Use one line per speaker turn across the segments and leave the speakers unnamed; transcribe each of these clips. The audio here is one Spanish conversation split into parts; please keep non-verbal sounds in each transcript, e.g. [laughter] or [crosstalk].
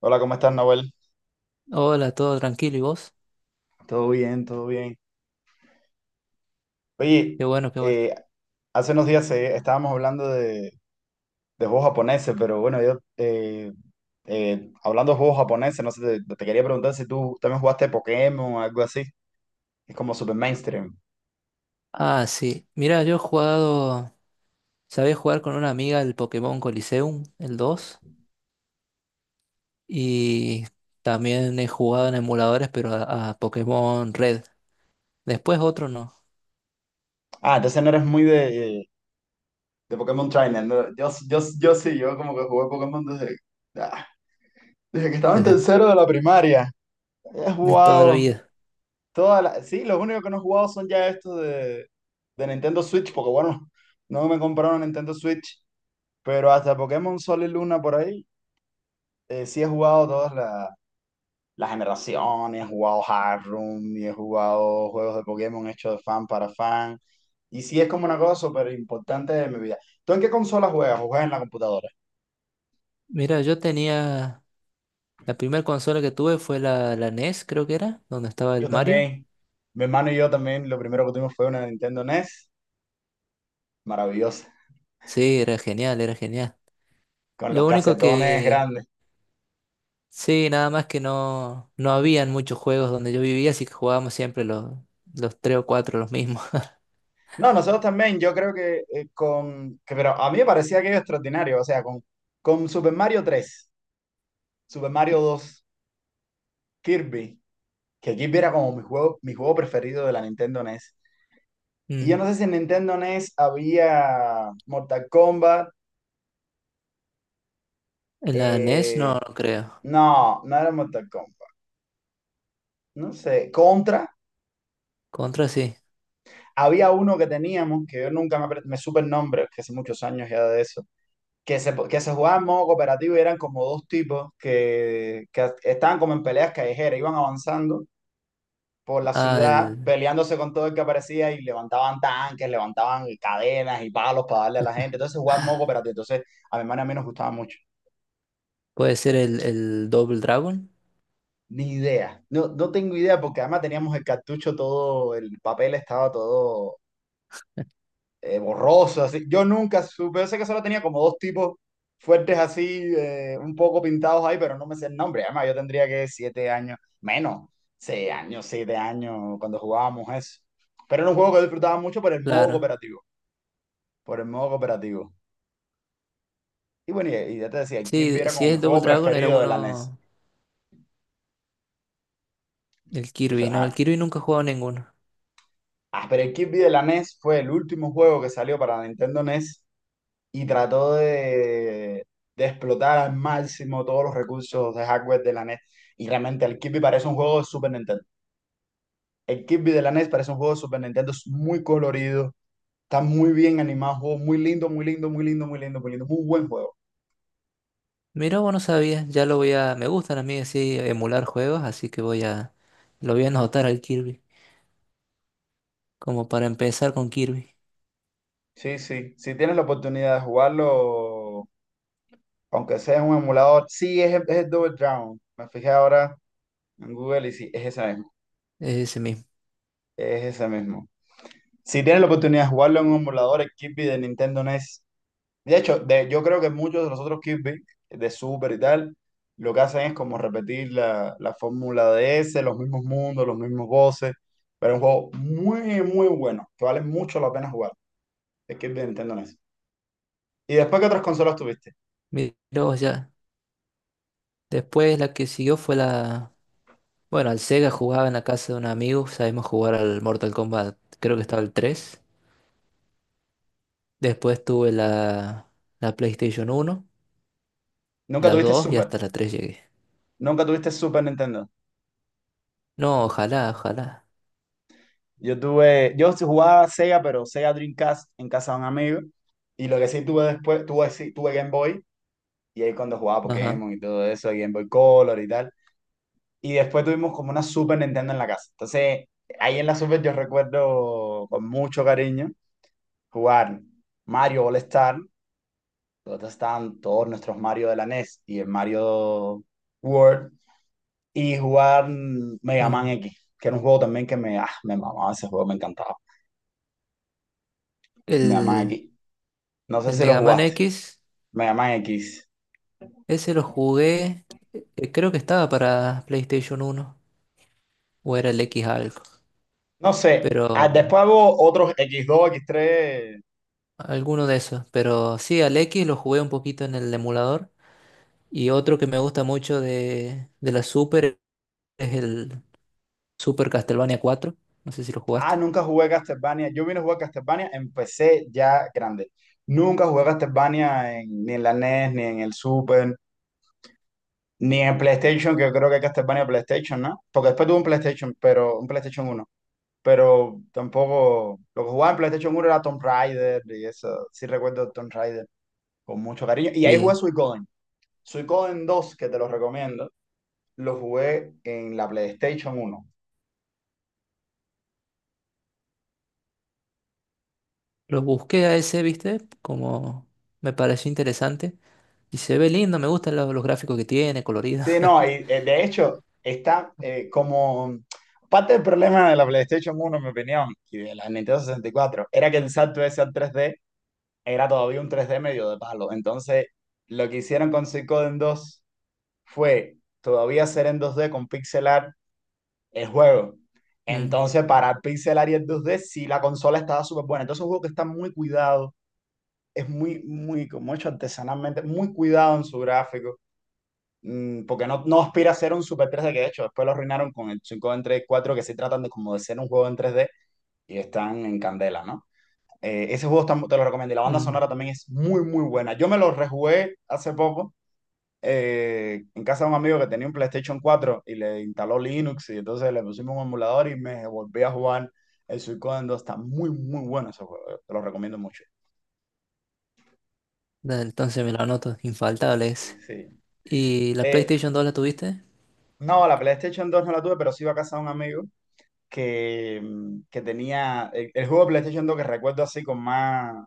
Hola, ¿cómo estás, Nahuel?
Hola, todo tranquilo, ¿y vos?
Todo bien, todo bien. Oye,
Qué bueno, qué bueno.
eh, hace unos días estábamos hablando de juegos japoneses, pero bueno, yo hablando de juegos japoneses, no sé, te quería preguntar si tú también jugaste Pokémon o algo así. Es como super mainstream.
Ah, sí. Mira, yo he jugado, sabía jugar con una amiga el Pokémon Coliseum, el 2 y también he jugado en emuladores, pero a Pokémon Red. Después otro no,
Ah, entonces no eres muy de Pokémon Trainer, ¿no? Yo sí, yo como que jugué Pokémon ah, desde que
[laughs]
estaba en
desde
tercero de la primaria. He
de toda la
jugado
vida.
todas las, sí, los únicos que no he jugado son ya estos de Nintendo Switch, porque bueno, [laughs] no me compraron Nintendo Switch, pero hasta Pokémon Sol y Luna por ahí, sí he jugado las generaciones, he jugado Hard Room y he jugado juegos de Pokémon hechos de fan para fan, y sí es como una cosa súper importante de mi vida. ¿Tú en qué consola juegas? ¿O juegas en la computadora?
Mira, yo tenía, la primera consola que tuve fue la NES, creo que era, donde estaba el
Yo
Mario.
también, mi hermano y yo también, lo primero que tuvimos fue una Nintendo NES, maravillosa,
Sí, era genial, era genial.
con los
Lo único
casetones
que
grandes.
sí, nada más que no habían muchos juegos donde yo vivía, así que jugábamos siempre los tres o cuatro, los mismos. [laughs]
No, nosotros también, yo creo que pero a mí me parecía aquello extraordinario, o sea, con Super Mario tres, Super Mario dos, Kirby, que Kirby era como mi juego preferido de la Nintendo NES. Y yo
Mm.
no sé si en Nintendo NES había Mortal Kombat,
En la NES no,
eh,
no creo.
no, no era Mortal Kombat, no sé, Contra,
Contra sí.
había uno que teníamos, que yo nunca me supe el nombre, que hace muchos años ya de eso, que se jugaba en modo cooperativo y eran como dos tipos que estaban como en peleas callejeras, iban avanzando por la
Ah,
ciudad
el,
peleándose con todo el que aparecía y levantaban tanques, levantaban cadenas y palos para darle a la gente. Entonces se jugaba en modo cooperativo. Entonces a mi hermana y a mí nos gustaba mucho.
puede ser el Double Dragon.
Ni idea. No, no tengo idea porque además teníamos el cartucho todo, el papel estaba todo borroso, así. Yo nunca supe, yo sé que solo tenía como dos tipos fuertes así, un poco pintados ahí, pero no me sé el nombre. Además, yo tendría que siete años, menos, seis años, siete años, cuando jugábamos eso. Pero era un juego que disfrutaba mucho por el modo
Claro.
cooperativo, por el modo cooperativo. Y bueno, y ya te decía, el Kirby
Sí,
era
si
como
es
mi
el Double
juego
Dragon era
preferido de la NES.
uno, el
De hecho,
Kirby. No, el Kirby nunca he jugado ninguno.
pero el Kirby de la NES fue el último juego que salió para Nintendo NES y trató de explotar al máximo todos los recursos de hardware de la NES. Y realmente el Kirby parece un juego de Super Nintendo. El Kirby de la NES parece un juego de Super Nintendo, es muy colorido, está muy bien animado, juego muy lindo, muy lindo, muy lindo, muy lindo, muy lindo, muy buen juego.
Mira, vos no sabías, ya lo voy a... Me gustan a mí así emular juegos, así que voy a... Lo voy a anotar al Kirby, como para empezar con Kirby.
Sí, sí, si tienes la oportunidad de jugarlo, aunque sea en un emulador, sí, es el Double Dragon. Me fijé ahora en Google y sí, es ese mismo,
Es ese mismo.
es ese mismo. Si tienes la oportunidad de jugarlo en un emulador, el Kirby de Nintendo NES. De hecho, yo creo que muchos de los otros Kirby, de Super y tal, lo que hacen es como repetir la fórmula de ese, los mismos mundos, los mismos voces, pero es un juego muy, muy bueno, que vale mucho la pena jugar, el Kirby de Nintendo NES. ¿Y después qué otras consolas tuviste?
Mira, vos ya. Después la que siguió fue la... Bueno, al Sega jugaba en la casa de un amigo, sabemos jugar al Mortal Kombat, creo que estaba el tres. Después tuve la, la PlayStation uno,
Nunca
la
tuviste
2 y
Super,
hasta la 3 llegué.
nunca tuviste Super Nintendo.
No, ojalá, ojalá.
Yo tuve, yo sí jugaba Sega, pero Sega Dreamcast en casa de un amigo, y lo que sí tuve después, tuve, sí, tuve Game Boy, y ahí cuando jugaba
Ajá.
Pokémon y todo eso, Game Boy Color y tal. Y después tuvimos como una Super Nintendo en la casa. Entonces, ahí en la Super yo recuerdo con mucho cariño jugar Mario All Star, donde estaban todos nuestros Mario de la NES y el Mario World, y jugar Mega Man
Mm.
X, que era un juego también que me mamaba ese juego, me encantaba. Mega Man
El,
X. No sé
el
si lo
Mega Man
jugaste,
X,
Mega Man X.
ese lo jugué, creo que estaba para PlayStation uno o era el X algo,
No sé,
pero
después hubo otros x dos x tres.
alguno de esos. Pero sí, al X lo jugué un poquito en el emulador. Y otro que me gusta mucho de la Super es el Super Castlevania 4. No sé si lo
Ah,
jugaste.
nunca jugué a Castlevania. Yo vine a jugar a Castlevania, empecé ya grande. Nunca jugué a Castlevania ni en la NES, ni en el Super, ni en PlayStation, que yo creo que Castlevania PlayStation, ¿no? Porque después tuve un PlayStation, pero un PlayStation uno. Pero tampoco. Lo que jugaba en PlayStation uno era Tomb Raider y eso. Sí recuerdo Tomb Raider con mucho cariño. Y ahí jugué
Sí,
Suicoden. Suicoden dos que te lo recomiendo, lo jugué en la PlayStation uno.
lo busqué a ese, ¿viste? Como me pareció interesante. Y se ve lindo, me gustan lo- los, gráficos que tiene, colorido.
Sí, no, y,
[laughs]
de hecho está como parte del problema de la PlayStation uno, en mi opinión, y de la Nintendo 64, era que el salto ese al 3D era todavía un 3D medio de palo. Entonces, lo que hicieron con Suikoden 2 fue todavía hacer en 2D con pixelar el juego.
Mm,
Entonces, para el pixelar y el 2D sí, la consola estaba súper buena. Entonces, es un juego que está muy cuidado, es muy, muy, como hecho artesanalmente, muy cuidado en su gráfico. Porque no, no aspira a ser un Super 3D, que de hecho después lo arruinaron con el 5 en 3D 4, que sí tratan de como de ser un juego en 3D y están en candela, ¿no? Ese juego está- te lo recomiendo y la banda
mm.
sonora también es muy muy buena. Yo me lo rejugué hace poco en casa de un amigo que tenía un PlayStation cuatro y le instaló Linux y entonces le pusimos un emulador y me volví a jugar el Suicoden 2. Está muy muy bueno ese juego, te lo recomiendo mucho.
Da, entonces me lo anoto, infaltable
Sí,
ese.
sí.
¿Y la
Eh,
PlayStation 2 la tuviste?
no, la PlayStation 2 no la tuve, pero sí iba a casa de un amigo que, que tenía. El juego de PlayStation 2 que recuerdo así con más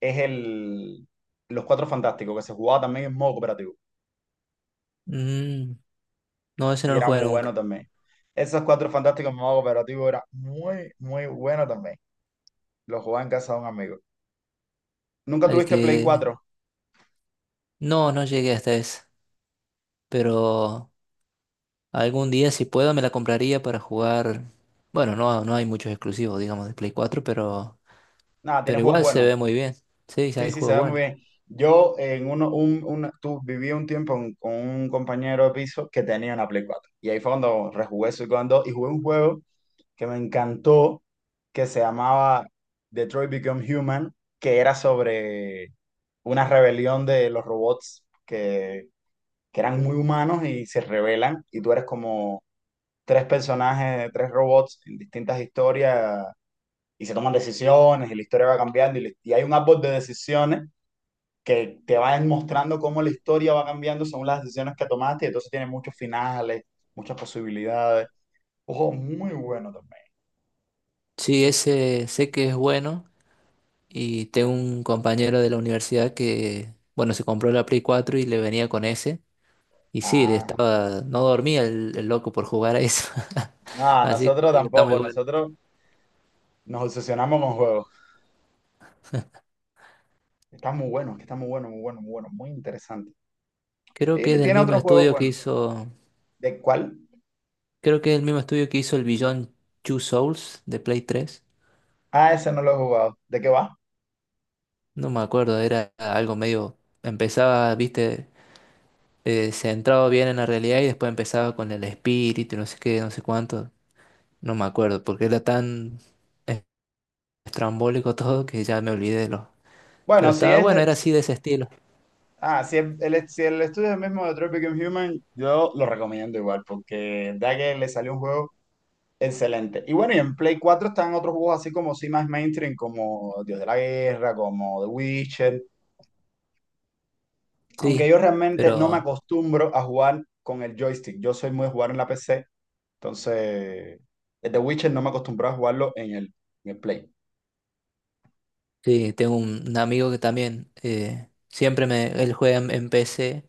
es el Los Cuatro Fantásticos, que se jugaba también en modo cooperativo.
Mm, no, ese no
Y
lo
era
jugué
muy bueno
nunca.
también. Esos Cuatro Fantásticos en modo cooperativo era muy, muy bueno también. Lo jugaba en casa de un amigo. ¿Nunca
El
tuviste Play
que...
cuatro?
No, no llegué hasta ese. Pero algún día, si puedo, me la compraría para jugar. Bueno, no, no hay muchos exclusivos, digamos, de Play cuatro, pero,
Nada, tienes
pero
juegos
igual se
buenos.
ve muy bien. Sí, sí
Sí,
hay
sí, se
juegos
ve muy
buenos.
bien. Yo en tú viví un tiempo con un compañero de piso que tenía una Play cuatro. Y ahí fue cuando rejugué su Gone 2 y jugué un juego que me encantó, que se llamaba Detroit Become Human, que era sobre una rebelión de los robots que eran muy humanos y se rebelan, y tú eres como tres personajes, tres robots en distintas historias, y se toman decisiones, y la historia va cambiando, y hay un árbol de decisiones que te van mostrando cómo la historia va cambiando según las decisiones que tomaste, y entonces tiene muchos finales, muchas posibilidades. Ojo, muy bueno también.
Sí, ese sé que es bueno. Y tengo un compañero de la universidad que, bueno, se compró la Play cuatro y le venía con ese. Y sí, le
Ah.
estaba, no dormía el loco por jugar a eso. [laughs]
No,
Así
nosotros
que está muy
tampoco,
bueno.
nosotros nos obsesionamos con juegos. Está muy bueno, que está muy bueno, muy bueno, muy bueno, muy interesante.
Creo
Y
que es
le
del
tiene
mismo
otros juegos
estudio que
buenos.
hizo,
¿De cuál?
creo que es el mismo estudio que hizo el Beyond Two Souls de Play tres.
Ah, ese no lo he jugado. ¿De qué va?
No me acuerdo, era algo medio. Empezaba, viste, centrado bien en la realidad y después empezaba con el espíritu y no sé qué, no sé cuánto. No me acuerdo, porque era tan es- estrambólico todo que ya me olvidé de lo. Pero
Bueno, si
estaba
es
bueno,
de...
era así de ese estilo.
Ah, si el estudio es el mismo de Tropic and Human, yo lo recomiendo igual, porque da que le salió un juego excelente. Y bueno, y en Play 4 están otros juegos así como sí más mainstream, como Dios de la Guerra, como The Witcher. Aunque
Sí,
yo realmente no me
pero
acostumbro a jugar con el joystick. Yo soy muy de jugar en la PC. Entonces, el The Witcher no me acostumbré a jugarlo en el Play.
sí, tengo un amigo que también siempre me. Él juega en PC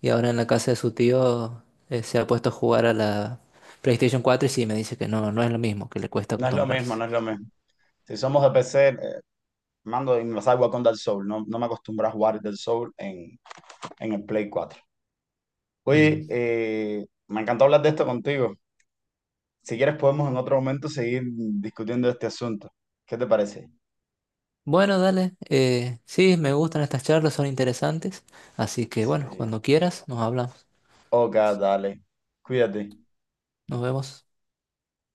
y ahora en la casa de su tío se ha puesto a jugar a la PlayStation 4 y sí, me dice que no, no es lo mismo, que le cuesta
No es lo mismo,
acostumbrarse.
no es lo mismo. Si somos de PC, mando y me salgo con Dark Soul. No, no me acostumbré a jugar Dark Soul en el Play cuatro.
Mm.
Oye, me encantó hablar de esto contigo. Si quieres, podemos en otro momento seguir discutiendo este asunto. ¿Qué te parece?
Bueno, dale. Sí, me gustan estas charlas, son interesantes. Así que bueno,
Sí.
cuando quieras, nos hablamos.
Ok, dale. Cuídate.
Nos vemos.